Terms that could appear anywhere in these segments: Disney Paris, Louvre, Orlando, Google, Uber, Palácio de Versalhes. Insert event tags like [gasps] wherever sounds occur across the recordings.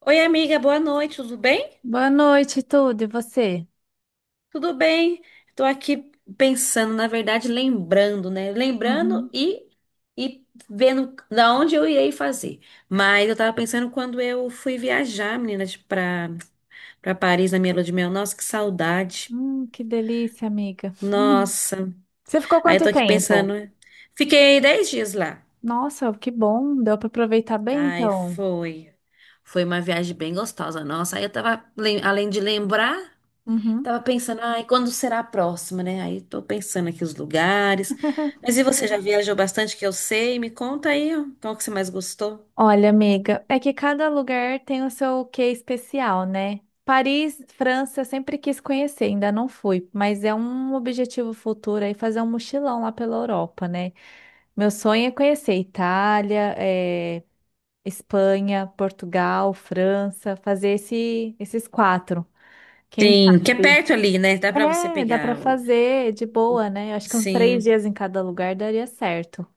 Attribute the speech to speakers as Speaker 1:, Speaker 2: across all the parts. Speaker 1: Oi, amiga, boa noite, tudo bem?
Speaker 2: Boa noite, tudo. E você?
Speaker 1: Tudo bem. Tô aqui pensando, na verdade, lembrando, né? Lembrando
Speaker 2: Uhum.
Speaker 1: e vendo da onde eu irei fazer. Mas eu tava pensando quando eu fui viajar, meninas, pra Paris na minha lua de mel. Nossa, que saudade.
Speaker 2: Que delícia, amiga. Hum.
Speaker 1: Nossa.
Speaker 2: Você ficou
Speaker 1: Aí eu
Speaker 2: quanto
Speaker 1: tô aqui
Speaker 2: tempo?
Speaker 1: pensando, né? Fiquei 10 dias lá.
Speaker 2: Nossa, que bom. Deu para aproveitar bem,
Speaker 1: Ai,
Speaker 2: então.
Speaker 1: foi. Foi uma viagem bem gostosa. Nossa, aí eu tava, além de lembrar.
Speaker 2: Uhum.
Speaker 1: Tava pensando, ai, quando será a próxima, né? Aí tô pensando aqui os lugares. Mas e você já viajou bastante que eu sei? Me conta aí, ó, qual que você mais gostou?
Speaker 2: Olha, amiga, é que cada lugar tem o seu quê especial, né? Paris, França, eu sempre quis conhecer, ainda não fui, mas é um objetivo futuro aí fazer um mochilão lá pela Europa, né? Meu sonho é conhecer Itália, Espanha, Portugal, França, fazer esses quatro. Quem
Speaker 1: Sim, que é
Speaker 2: sabe?
Speaker 1: perto ali, né? Dá pra você
Speaker 2: É, dá pra
Speaker 1: pegar o...
Speaker 2: fazer de
Speaker 1: o-
Speaker 2: boa, né? Eu acho que uns três
Speaker 1: Sim.
Speaker 2: dias em cada lugar daria certo.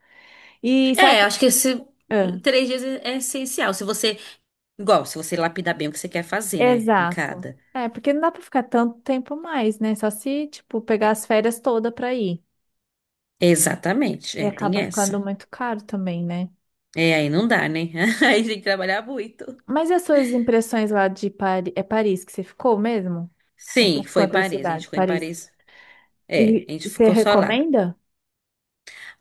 Speaker 2: E você
Speaker 1: É,
Speaker 2: acha...
Speaker 1: acho que esse
Speaker 2: Ah,
Speaker 1: 3 dias é essencial. Se você, igual, se você lapidar bem o que você quer fazer, né? Em
Speaker 2: exato.
Speaker 1: cada.
Speaker 2: É, porque não dá pra ficar tanto tempo mais, né? Só se, tipo, pegar as férias toda pra ir.
Speaker 1: Exatamente.
Speaker 2: E
Speaker 1: É, tem
Speaker 2: acaba ficando
Speaker 1: essa.
Speaker 2: muito caro também, né?
Speaker 1: É, aí não dá, né? [laughs] Aí tem que trabalhar muito.
Speaker 2: Mas e as suas impressões lá de Paris? É Paris que você ficou mesmo? Ou você
Speaker 1: Sim,
Speaker 2: ficou
Speaker 1: foi
Speaker 2: em
Speaker 1: em
Speaker 2: outra
Speaker 1: Paris. A gente
Speaker 2: cidade,
Speaker 1: ficou em
Speaker 2: Paris?
Speaker 1: Paris. É,
Speaker 2: E
Speaker 1: a gente
Speaker 2: e você
Speaker 1: ficou só lá.
Speaker 2: recomenda?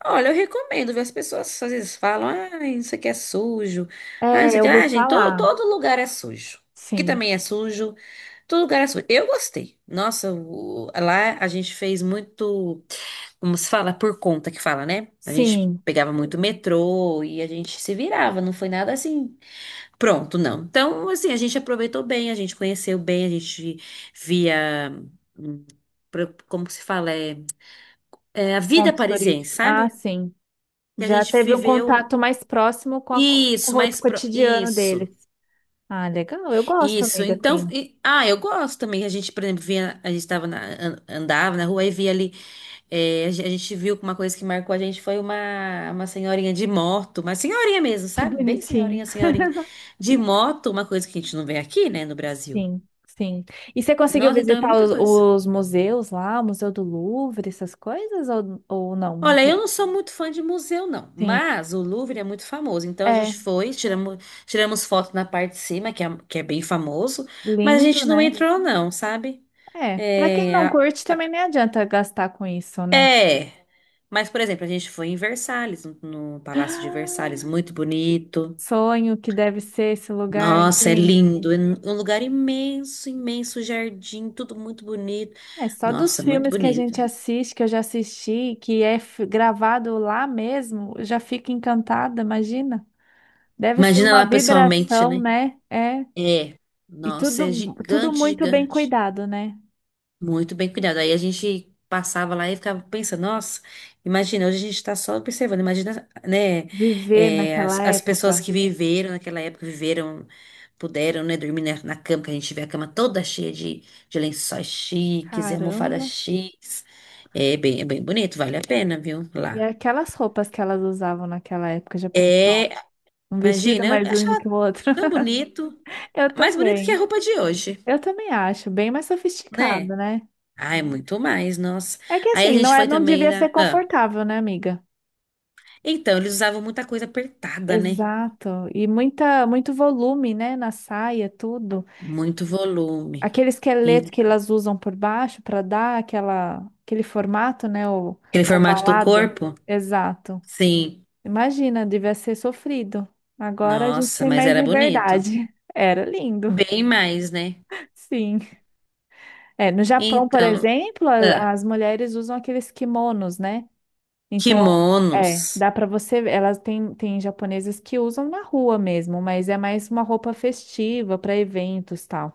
Speaker 1: Olha, eu recomendo, viu? As pessoas às vezes falam, ah, isso aqui é sujo, ah,
Speaker 2: É,
Speaker 1: isso
Speaker 2: eu
Speaker 1: aqui,
Speaker 2: ouvi
Speaker 1: ah, gente,
Speaker 2: falar.
Speaker 1: todo lugar é sujo. Aqui
Speaker 2: Sim.
Speaker 1: também é sujo, todo lugar é sujo. Eu gostei. Nossa, lá a gente fez muito, como se fala, por conta que fala, né? A gente
Speaker 2: Sim.
Speaker 1: pegava muito metrô e a gente se virava, não foi nada assim, pronto, não. Então, assim, a gente aproveitou bem, a gente conheceu bem, a gente via, hum, como que se fala, é, é a vida
Speaker 2: Pontos
Speaker 1: parisiense,
Speaker 2: turísticos. Ah,
Speaker 1: sabe?
Speaker 2: sim.
Speaker 1: Que a
Speaker 2: Já
Speaker 1: gente
Speaker 2: teve um
Speaker 1: viveu.
Speaker 2: contato mais próximo com, com o
Speaker 1: Isso,
Speaker 2: roto cotidiano
Speaker 1: isso,
Speaker 2: deles. Ah, legal. Eu gosto,
Speaker 1: isso.
Speaker 2: amiga,
Speaker 1: Então,
Speaker 2: sim.
Speaker 1: ah, eu gosto também. A gente, por exemplo, via, a gente tava na, andava na rua e via ali. É, a gente viu que uma coisa que marcou a gente foi uma senhorinha de moto, uma senhorinha mesmo,
Speaker 2: Que
Speaker 1: sabe? Bem
Speaker 2: bonitinho.
Speaker 1: senhorinha, senhorinha de moto, uma coisa que a gente não vê aqui, né, no Brasil.
Speaker 2: Sim, sim. E você conseguiu
Speaker 1: Nossa, então é
Speaker 2: visitar
Speaker 1: muita coisa.
Speaker 2: os museus lá, o Museu do Louvre, essas coisas, ou não?
Speaker 1: Olha, eu não sou muito fã de museu, não,
Speaker 2: Sim.
Speaker 1: mas o Louvre é muito famoso. Então a
Speaker 2: É,
Speaker 1: gente foi, tiramos foto na parte de cima, que é bem famoso, mas a
Speaker 2: lindo,
Speaker 1: gente não
Speaker 2: né?
Speaker 1: entrou, não, sabe?
Speaker 2: É. Pra quem
Speaker 1: É,
Speaker 2: não curte, também nem adianta gastar com isso, né?
Speaker 1: é. Mas, por exemplo, a gente foi em Versalhes, no Palácio de
Speaker 2: [gasps]
Speaker 1: Versalhes, muito bonito.
Speaker 2: Sonho que deve ser esse lugar,
Speaker 1: Nossa, é
Speaker 2: hein?
Speaker 1: lindo, é um lugar imenso, imenso jardim, tudo muito bonito.
Speaker 2: É só dos
Speaker 1: Nossa, muito
Speaker 2: filmes que a
Speaker 1: bonito.
Speaker 2: gente assiste, que eu já assisti, que é gravado lá mesmo, eu já fico encantada, imagina.
Speaker 1: [laughs]
Speaker 2: Deve ser
Speaker 1: Imagina
Speaker 2: uma
Speaker 1: lá pessoalmente,
Speaker 2: vibração,
Speaker 1: né?
Speaker 2: né? É.
Speaker 1: É,
Speaker 2: E
Speaker 1: nossa, é
Speaker 2: tudo, tudo
Speaker 1: gigante,
Speaker 2: muito bem
Speaker 1: gigante.
Speaker 2: cuidado, né?
Speaker 1: Muito bem cuidado. Aí a gente passava lá e ficava pensando, nossa, imagina, hoje a gente está só observando, imagina, né,
Speaker 2: Viver
Speaker 1: é, as,
Speaker 2: naquela
Speaker 1: as pessoas
Speaker 2: época.
Speaker 1: que viveram naquela época, viveram, puderam, né, dormir na cama, que a gente vê a cama toda cheia de lençóis chiques e almofadas
Speaker 2: Caramba.
Speaker 1: chiques. É bem bonito, vale a pena, viu?
Speaker 2: E
Speaker 1: Lá.
Speaker 2: aquelas roupas que elas usavam naquela época, já pensou?
Speaker 1: É,
Speaker 2: Um vestido
Speaker 1: imagina,
Speaker 2: mais
Speaker 1: eu
Speaker 2: lindo
Speaker 1: achava
Speaker 2: que o outro.
Speaker 1: tão
Speaker 2: [laughs]
Speaker 1: bonito,
Speaker 2: Eu
Speaker 1: mais bonito que a
Speaker 2: também.
Speaker 1: roupa de hoje,
Speaker 2: Eu também acho, bem mais sofisticado,
Speaker 1: né?
Speaker 2: né?
Speaker 1: Ai, muito mais, nossa.
Speaker 2: É que
Speaker 1: Aí a
Speaker 2: assim, não
Speaker 1: gente
Speaker 2: é,
Speaker 1: foi
Speaker 2: não
Speaker 1: também
Speaker 2: devia ser
Speaker 1: na. Ah.
Speaker 2: confortável, né, amiga?
Speaker 1: Então, eles usavam muita coisa apertada, né?
Speaker 2: Exato. E muita, muito volume, né, na saia, tudo.
Speaker 1: Muito volume.
Speaker 2: Aquele esqueleto que
Speaker 1: Então,
Speaker 2: elas usam por baixo para dar aquela, aquele formato, né, o
Speaker 1: aquele formato do
Speaker 2: ovalado.
Speaker 1: corpo?
Speaker 2: Exato.
Speaker 1: Sim.
Speaker 2: Imagina, devia ser sofrido. Agora a gente
Speaker 1: Nossa,
Speaker 2: tem
Speaker 1: mas
Speaker 2: mais
Speaker 1: era bonito.
Speaker 2: liberdade. [laughs] Era lindo,
Speaker 1: Bem mais, né?
Speaker 2: sim. É, no Japão, por
Speaker 1: Então,
Speaker 2: exemplo,
Speaker 1: ah,
Speaker 2: as mulheres usam aqueles kimonos, né? Então
Speaker 1: kimonos.
Speaker 2: é, dá pra você elas têm japonesas que usam na rua mesmo, mas é mais uma roupa festiva para eventos tal.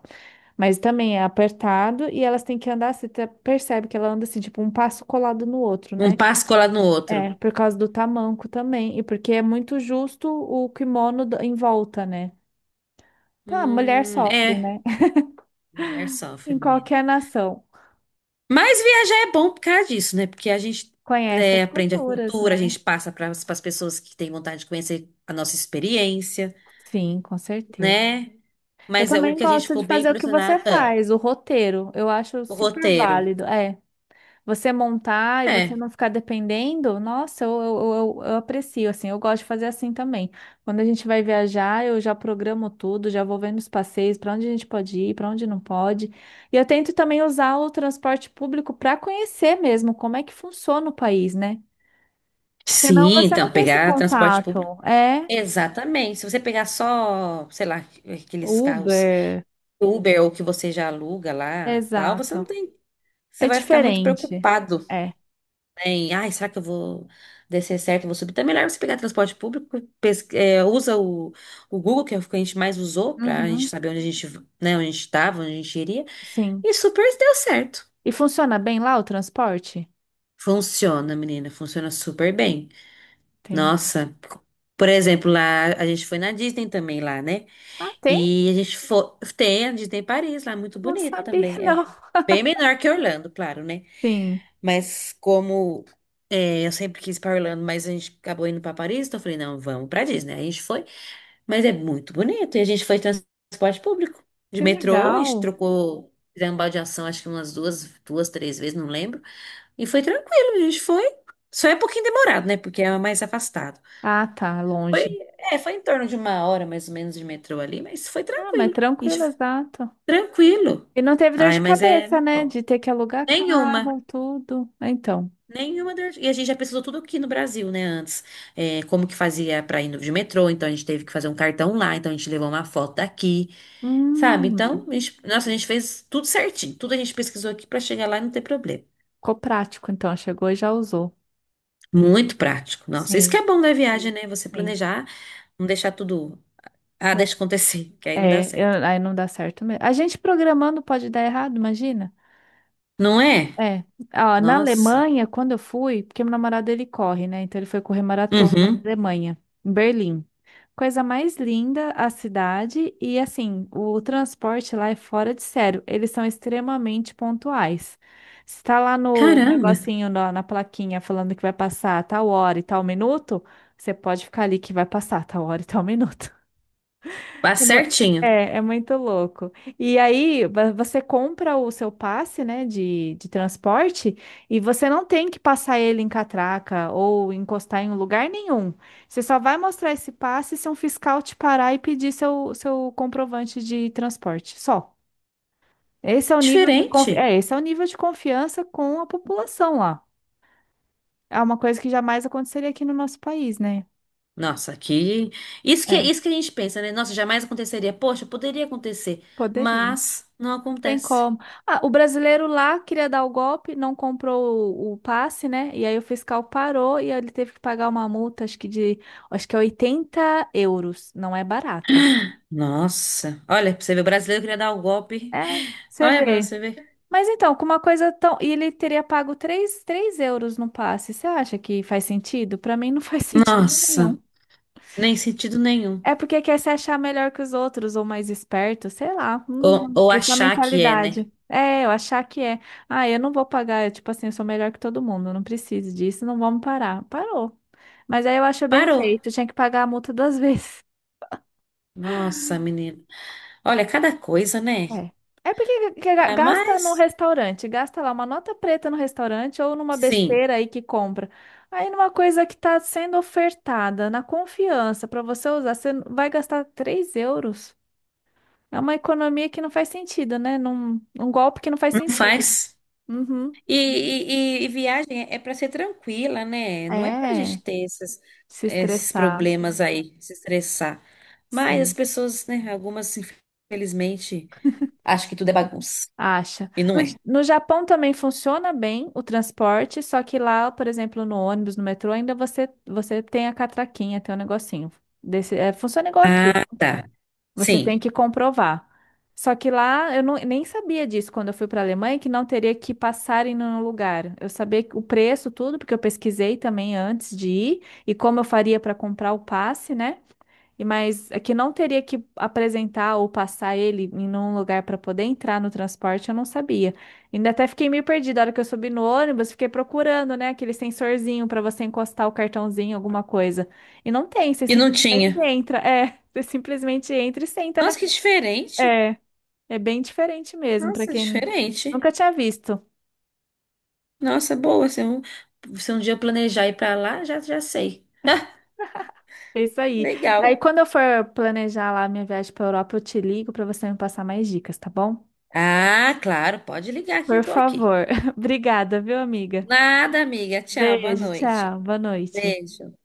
Speaker 2: Mas também é apertado e elas têm que andar, você percebe que ela anda assim, tipo um passo colado no outro,
Speaker 1: Um
Speaker 2: né?
Speaker 1: passo colado no outro.
Speaker 2: É, por causa do tamanco também e porque é muito justo o kimono em volta, né? Tá, a mulher sofre,
Speaker 1: É.
Speaker 2: né? [laughs]
Speaker 1: Mulher só,
Speaker 2: Em
Speaker 1: feminina.
Speaker 2: qualquer nação.
Speaker 1: Mas viajar é bom por causa disso, né? Porque a gente
Speaker 2: Conhece
Speaker 1: é,
Speaker 2: as
Speaker 1: aprende a
Speaker 2: culturas,
Speaker 1: cultura, a
Speaker 2: né?
Speaker 1: gente passa para as pessoas que têm vontade de conhecer a nossa experiência,
Speaker 2: Sim, com certeza.
Speaker 1: né?
Speaker 2: Eu
Speaker 1: Mas é o
Speaker 2: também
Speaker 1: que a gente
Speaker 2: gosto
Speaker 1: ficou
Speaker 2: de
Speaker 1: bem
Speaker 2: fazer o que você
Speaker 1: impressionado. Ah.
Speaker 2: faz, o roteiro. Eu acho
Speaker 1: O
Speaker 2: super
Speaker 1: roteiro.
Speaker 2: válido. É. Você montar e você
Speaker 1: É.
Speaker 2: não ficar dependendo, nossa, eu aprecio, assim, eu gosto de fazer assim também. Quando a gente vai viajar, eu já programo tudo, já vou vendo os passeios, para onde a gente pode ir, para onde não pode. E eu tento também usar o transporte público para conhecer mesmo como é que funciona o país, né? Porque senão
Speaker 1: Sim,
Speaker 2: você não
Speaker 1: então,
Speaker 2: tem esse
Speaker 1: pegar transporte público.
Speaker 2: contato. É,
Speaker 1: Exatamente. Se você pegar só, sei lá, aqueles carros
Speaker 2: Uber.
Speaker 1: Uber ou que você já aluga lá, tal, você não
Speaker 2: Exato.
Speaker 1: tem. Você
Speaker 2: É
Speaker 1: vai ficar muito
Speaker 2: diferente.
Speaker 1: preocupado,
Speaker 2: É.
Speaker 1: né, em, ai, será que eu vou descer certo, eu vou subir? Então é melhor você pegar transporte público, é, usa o, Google, que é o que a gente mais usou, pra gente
Speaker 2: Uhum.
Speaker 1: saber onde a gente, né, onde a gente tava, onde a gente iria,
Speaker 2: Sim.
Speaker 1: e super deu certo.
Speaker 2: E funciona bem lá o transporte?
Speaker 1: Funciona, menina, funciona super bem.
Speaker 2: Tem.
Speaker 1: Nossa, por exemplo, lá a gente foi na Disney também lá, né?
Speaker 2: Ah, tem?
Speaker 1: E a gente foi, tem a Disney Paris lá, muito
Speaker 2: Não
Speaker 1: bonito
Speaker 2: sabia,
Speaker 1: também.
Speaker 2: [laughs]
Speaker 1: É
Speaker 2: não.
Speaker 1: bem menor que Orlando, claro, né?
Speaker 2: Sim,
Speaker 1: Mas como é, eu sempre quis ir para Orlando, mas a gente acabou indo para Paris, então eu falei, não, vamos para Disney. Aí a gente foi, mas é muito bonito. E a gente foi em transporte público, de
Speaker 2: que
Speaker 1: metrô, a gente
Speaker 2: legal.
Speaker 1: trocou, fizemos baldeação, acho que umas duas, três vezes, não lembro. E foi tranquilo, a gente foi. Só é um pouquinho demorado, né? Porque é mais afastado.
Speaker 2: Ah, tá,
Speaker 1: Foi,
Speaker 2: longe.
Speaker 1: é, foi em torno de 1 hora mais ou menos de metrô ali, mas foi
Speaker 2: Ah, mas
Speaker 1: tranquilo.
Speaker 2: tranquilo,
Speaker 1: Ixi,
Speaker 2: exato.
Speaker 1: tranquilo.
Speaker 2: E não teve dor
Speaker 1: Ai,
Speaker 2: de
Speaker 1: mas é
Speaker 2: cabeça, né?
Speaker 1: bom.
Speaker 2: De ter que alugar
Speaker 1: Nenhuma.
Speaker 2: carro, tudo. Ah, então,
Speaker 1: Nenhuma dor. E a gente já pesquisou tudo aqui no Brasil, né? Antes, é, como que fazia pra ir de metrô, então a gente teve que fazer um cartão lá, então a gente levou uma foto daqui, sabe? Então,
Speaker 2: hum,
Speaker 1: a gente, nossa, a gente fez tudo certinho. Tudo a gente pesquisou aqui pra chegar lá e não ter problema.
Speaker 2: ficou prático, então. Chegou e já usou.
Speaker 1: Muito prático. Nossa, isso que
Speaker 2: Sim,
Speaker 1: é bom da viagem, né? Você
Speaker 2: sim.
Speaker 1: planejar, não deixar tudo. Ah, deixa acontecer, [laughs] que aí não dá
Speaker 2: É,
Speaker 1: certo.
Speaker 2: aí não dá certo mesmo. A gente programando pode dar errado, imagina?
Speaker 1: Não é?
Speaker 2: É, ó, na
Speaker 1: Nossa.
Speaker 2: Alemanha, quando eu fui, porque meu namorado ele corre, né? Então ele foi correr maratona na
Speaker 1: Uhum.
Speaker 2: Alemanha, em Berlim. Coisa mais linda a cidade e assim, o transporte lá é fora de sério. Eles são extremamente pontuais. Se tá lá no
Speaker 1: Caramba.
Speaker 2: negocinho, na plaquinha, falando que vai passar tal hora e tal minuto, você pode ficar ali que vai passar tal hora e tal minuto.
Speaker 1: Tá
Speaker 2: É, mu-
Speaker 1: certinho.
Speaker 2: é muito louco. E aí, você compra o seu passe, né, de transporte e você não tem que passar ele em catraca ou encostar em um lugar nenhum. Você só vai mostrar esse passe se um fiscal te parar e pedir seu comprovante de transporte. Só. Esse é o nível de confi-
Speaker 1: Diferente.
Speaker 2: É, esse é o nível de confiança com a população lá. É uma coisa que jamais aconteceria aqui no nosso país, né?
Speaker 1: Nossa, aqui.
Speaker 2: É,
Speaker 1: Isso que a gente pensa, né? Nossa, jamais aconteceria. Poxa, poderia acontecer,
Speaker 2: poderia.
Speaker 1: mas não
Speaker 2: Tem
Speaker 1: acontece.
Speaker 2: como. Ah, o brasileiro lá queria dar o golpe, não comprou o passe, né? E aí o fiscal parou e aí ele teve que pagar uma multa, acho que de, acho que é 80 euros. Não é barata.
Speaker 1: Nossa. Olha, pra você ver, o brasileiro queria dar o golpe.
Speaker 2: É, você
Speaker 1: Olha pra
Speaker 2: vê.
Speaker 1: você ver.
Speaker 2: Mas então, com uma coisa tão. E ele teria pago 3 euros no passe. Você acha que faz sentido? Para mim não faz [laughs] sentido
Speaker 1: Nossa,
Speaker 2: nenhum.
Speaker 1: nem sentido nenhum.
Speaker 2: É porque quer se achar melhor que os outros ou mais esperto, sei lá.
Speaker 1: Ou
Speaker 2: Essa
Speaker 1: achar que é, né?
Speaker 2: mentalidade. É, eu achar que é. Ah, eu não vou pagar, eu, tipo assim, eu sou melhor que todo mundo, eu não preciso disso, não vamos parar. Parou. Mas aí eu acho bem
Speaker 1: Parou.
Speaker 2: feito, tinha que pagar a multa duas [laughs] vezes.
Speaker 1: Nossa, menina. Olha, cada coisa, né?
Speaker 2: É. É porque
Speaker 1: Ah,
Speaker 2: gasta no
Speaker 1: mas,
Speaker 2: restaurante, gasta lá uma nota preta no restaurante ou numa
Speaker 1: sim,
Speaker 2: besteira aí que compra. Aí numa coisa que está sendo ofertada, na confiança, para você usar, você vai gastar 3 euros. É uma economia que não faz sentido, né? Um golpe que não faz
Speaker 1: não
Speaker 2: sentido.
Speaker 1: faz.
Speaker 2: Uhum.
Speaker 1: E viagem é para ser tranquila, né? Não é para a gente
Speaker 2: É,
Speaker 1: ter esses,
Speaker 2: se
Speaker 1: esses
Speaker 2: estressar,
Speaker 1: problemas aí, se estressar. Mas as
Speaker 2: sim,
Speaker 1: pessoas, né? Algumas, infelizmente, acham que tudo é bagunça.
Speaker 2: acha.
Speaker 1: E não é.
Speaker 2: No Japão também funciona bem o transporte, só que lá, por exemplo, no ônibus, no metrô, ainda você tem a catraquinha, tem um negocinho. Desse, é, funciona igual aqui.
Speaker 1: Ah, tá.
Speaker 2: Você tem
Speaker 1: Sim.
Speaker 2: que comprovar. Só que lá eu nem sabia disso quando eu fui para a Alemanha, que não teria que passar em nenhum lugar. Eu sabia o preço, tudo, porque eu pesquisei também antes de ir e como eu faria para comprar o passe, né? E mas é que não teria que apresentar ou passar ele em um lugar para poder entrar no transporte, eu não sabia. Ainda até fiquei meio perdida. A hora que eu subi no ônibus, fiquei procurando, né, aquele sensorzinho para você encostar o cartãozinho, alguma coisa. E não tem, você
Speaker 1: E não
Speaker 2: simplesmente
Speaker 1: tinha.
Speaker 2: entra. É, [laughs] você simplesmente entra e senta na.
Speaker 1: Nossa, que diferente.
Speaker 2: É, É bem diferente mesmo, para
Speaker 1: Nossa,
Speaker 2: quem
Speaker 1: diferente.
Speaker 2: nunca tinha visto.
Speaker 1: Nossa, boa. Se um, se um dia eu planejar ir para lá, já, já sei. [laughs]
Speaker 2: É isso aí. Aí
Speaker 1: Legal.
Speaker 2: quando eu for planejar lá a minha viagem para Europa, eu te ligo para você me passar mais dicas, tá bom?
Speaker 1: Ah, claro, pode ligar que eu
Speaker 2: Por
Speaker 1: tô aqui.
Speaker 2: favor. [laughs] Obrigada, viu, amiga?
Speaker 1: Nada, amiga. Tchau, boa
Speaker 2: Beijo,
Speaker 1: noite.
Speaker 2: tchau, boa noite.
Speaker 1: Beijo.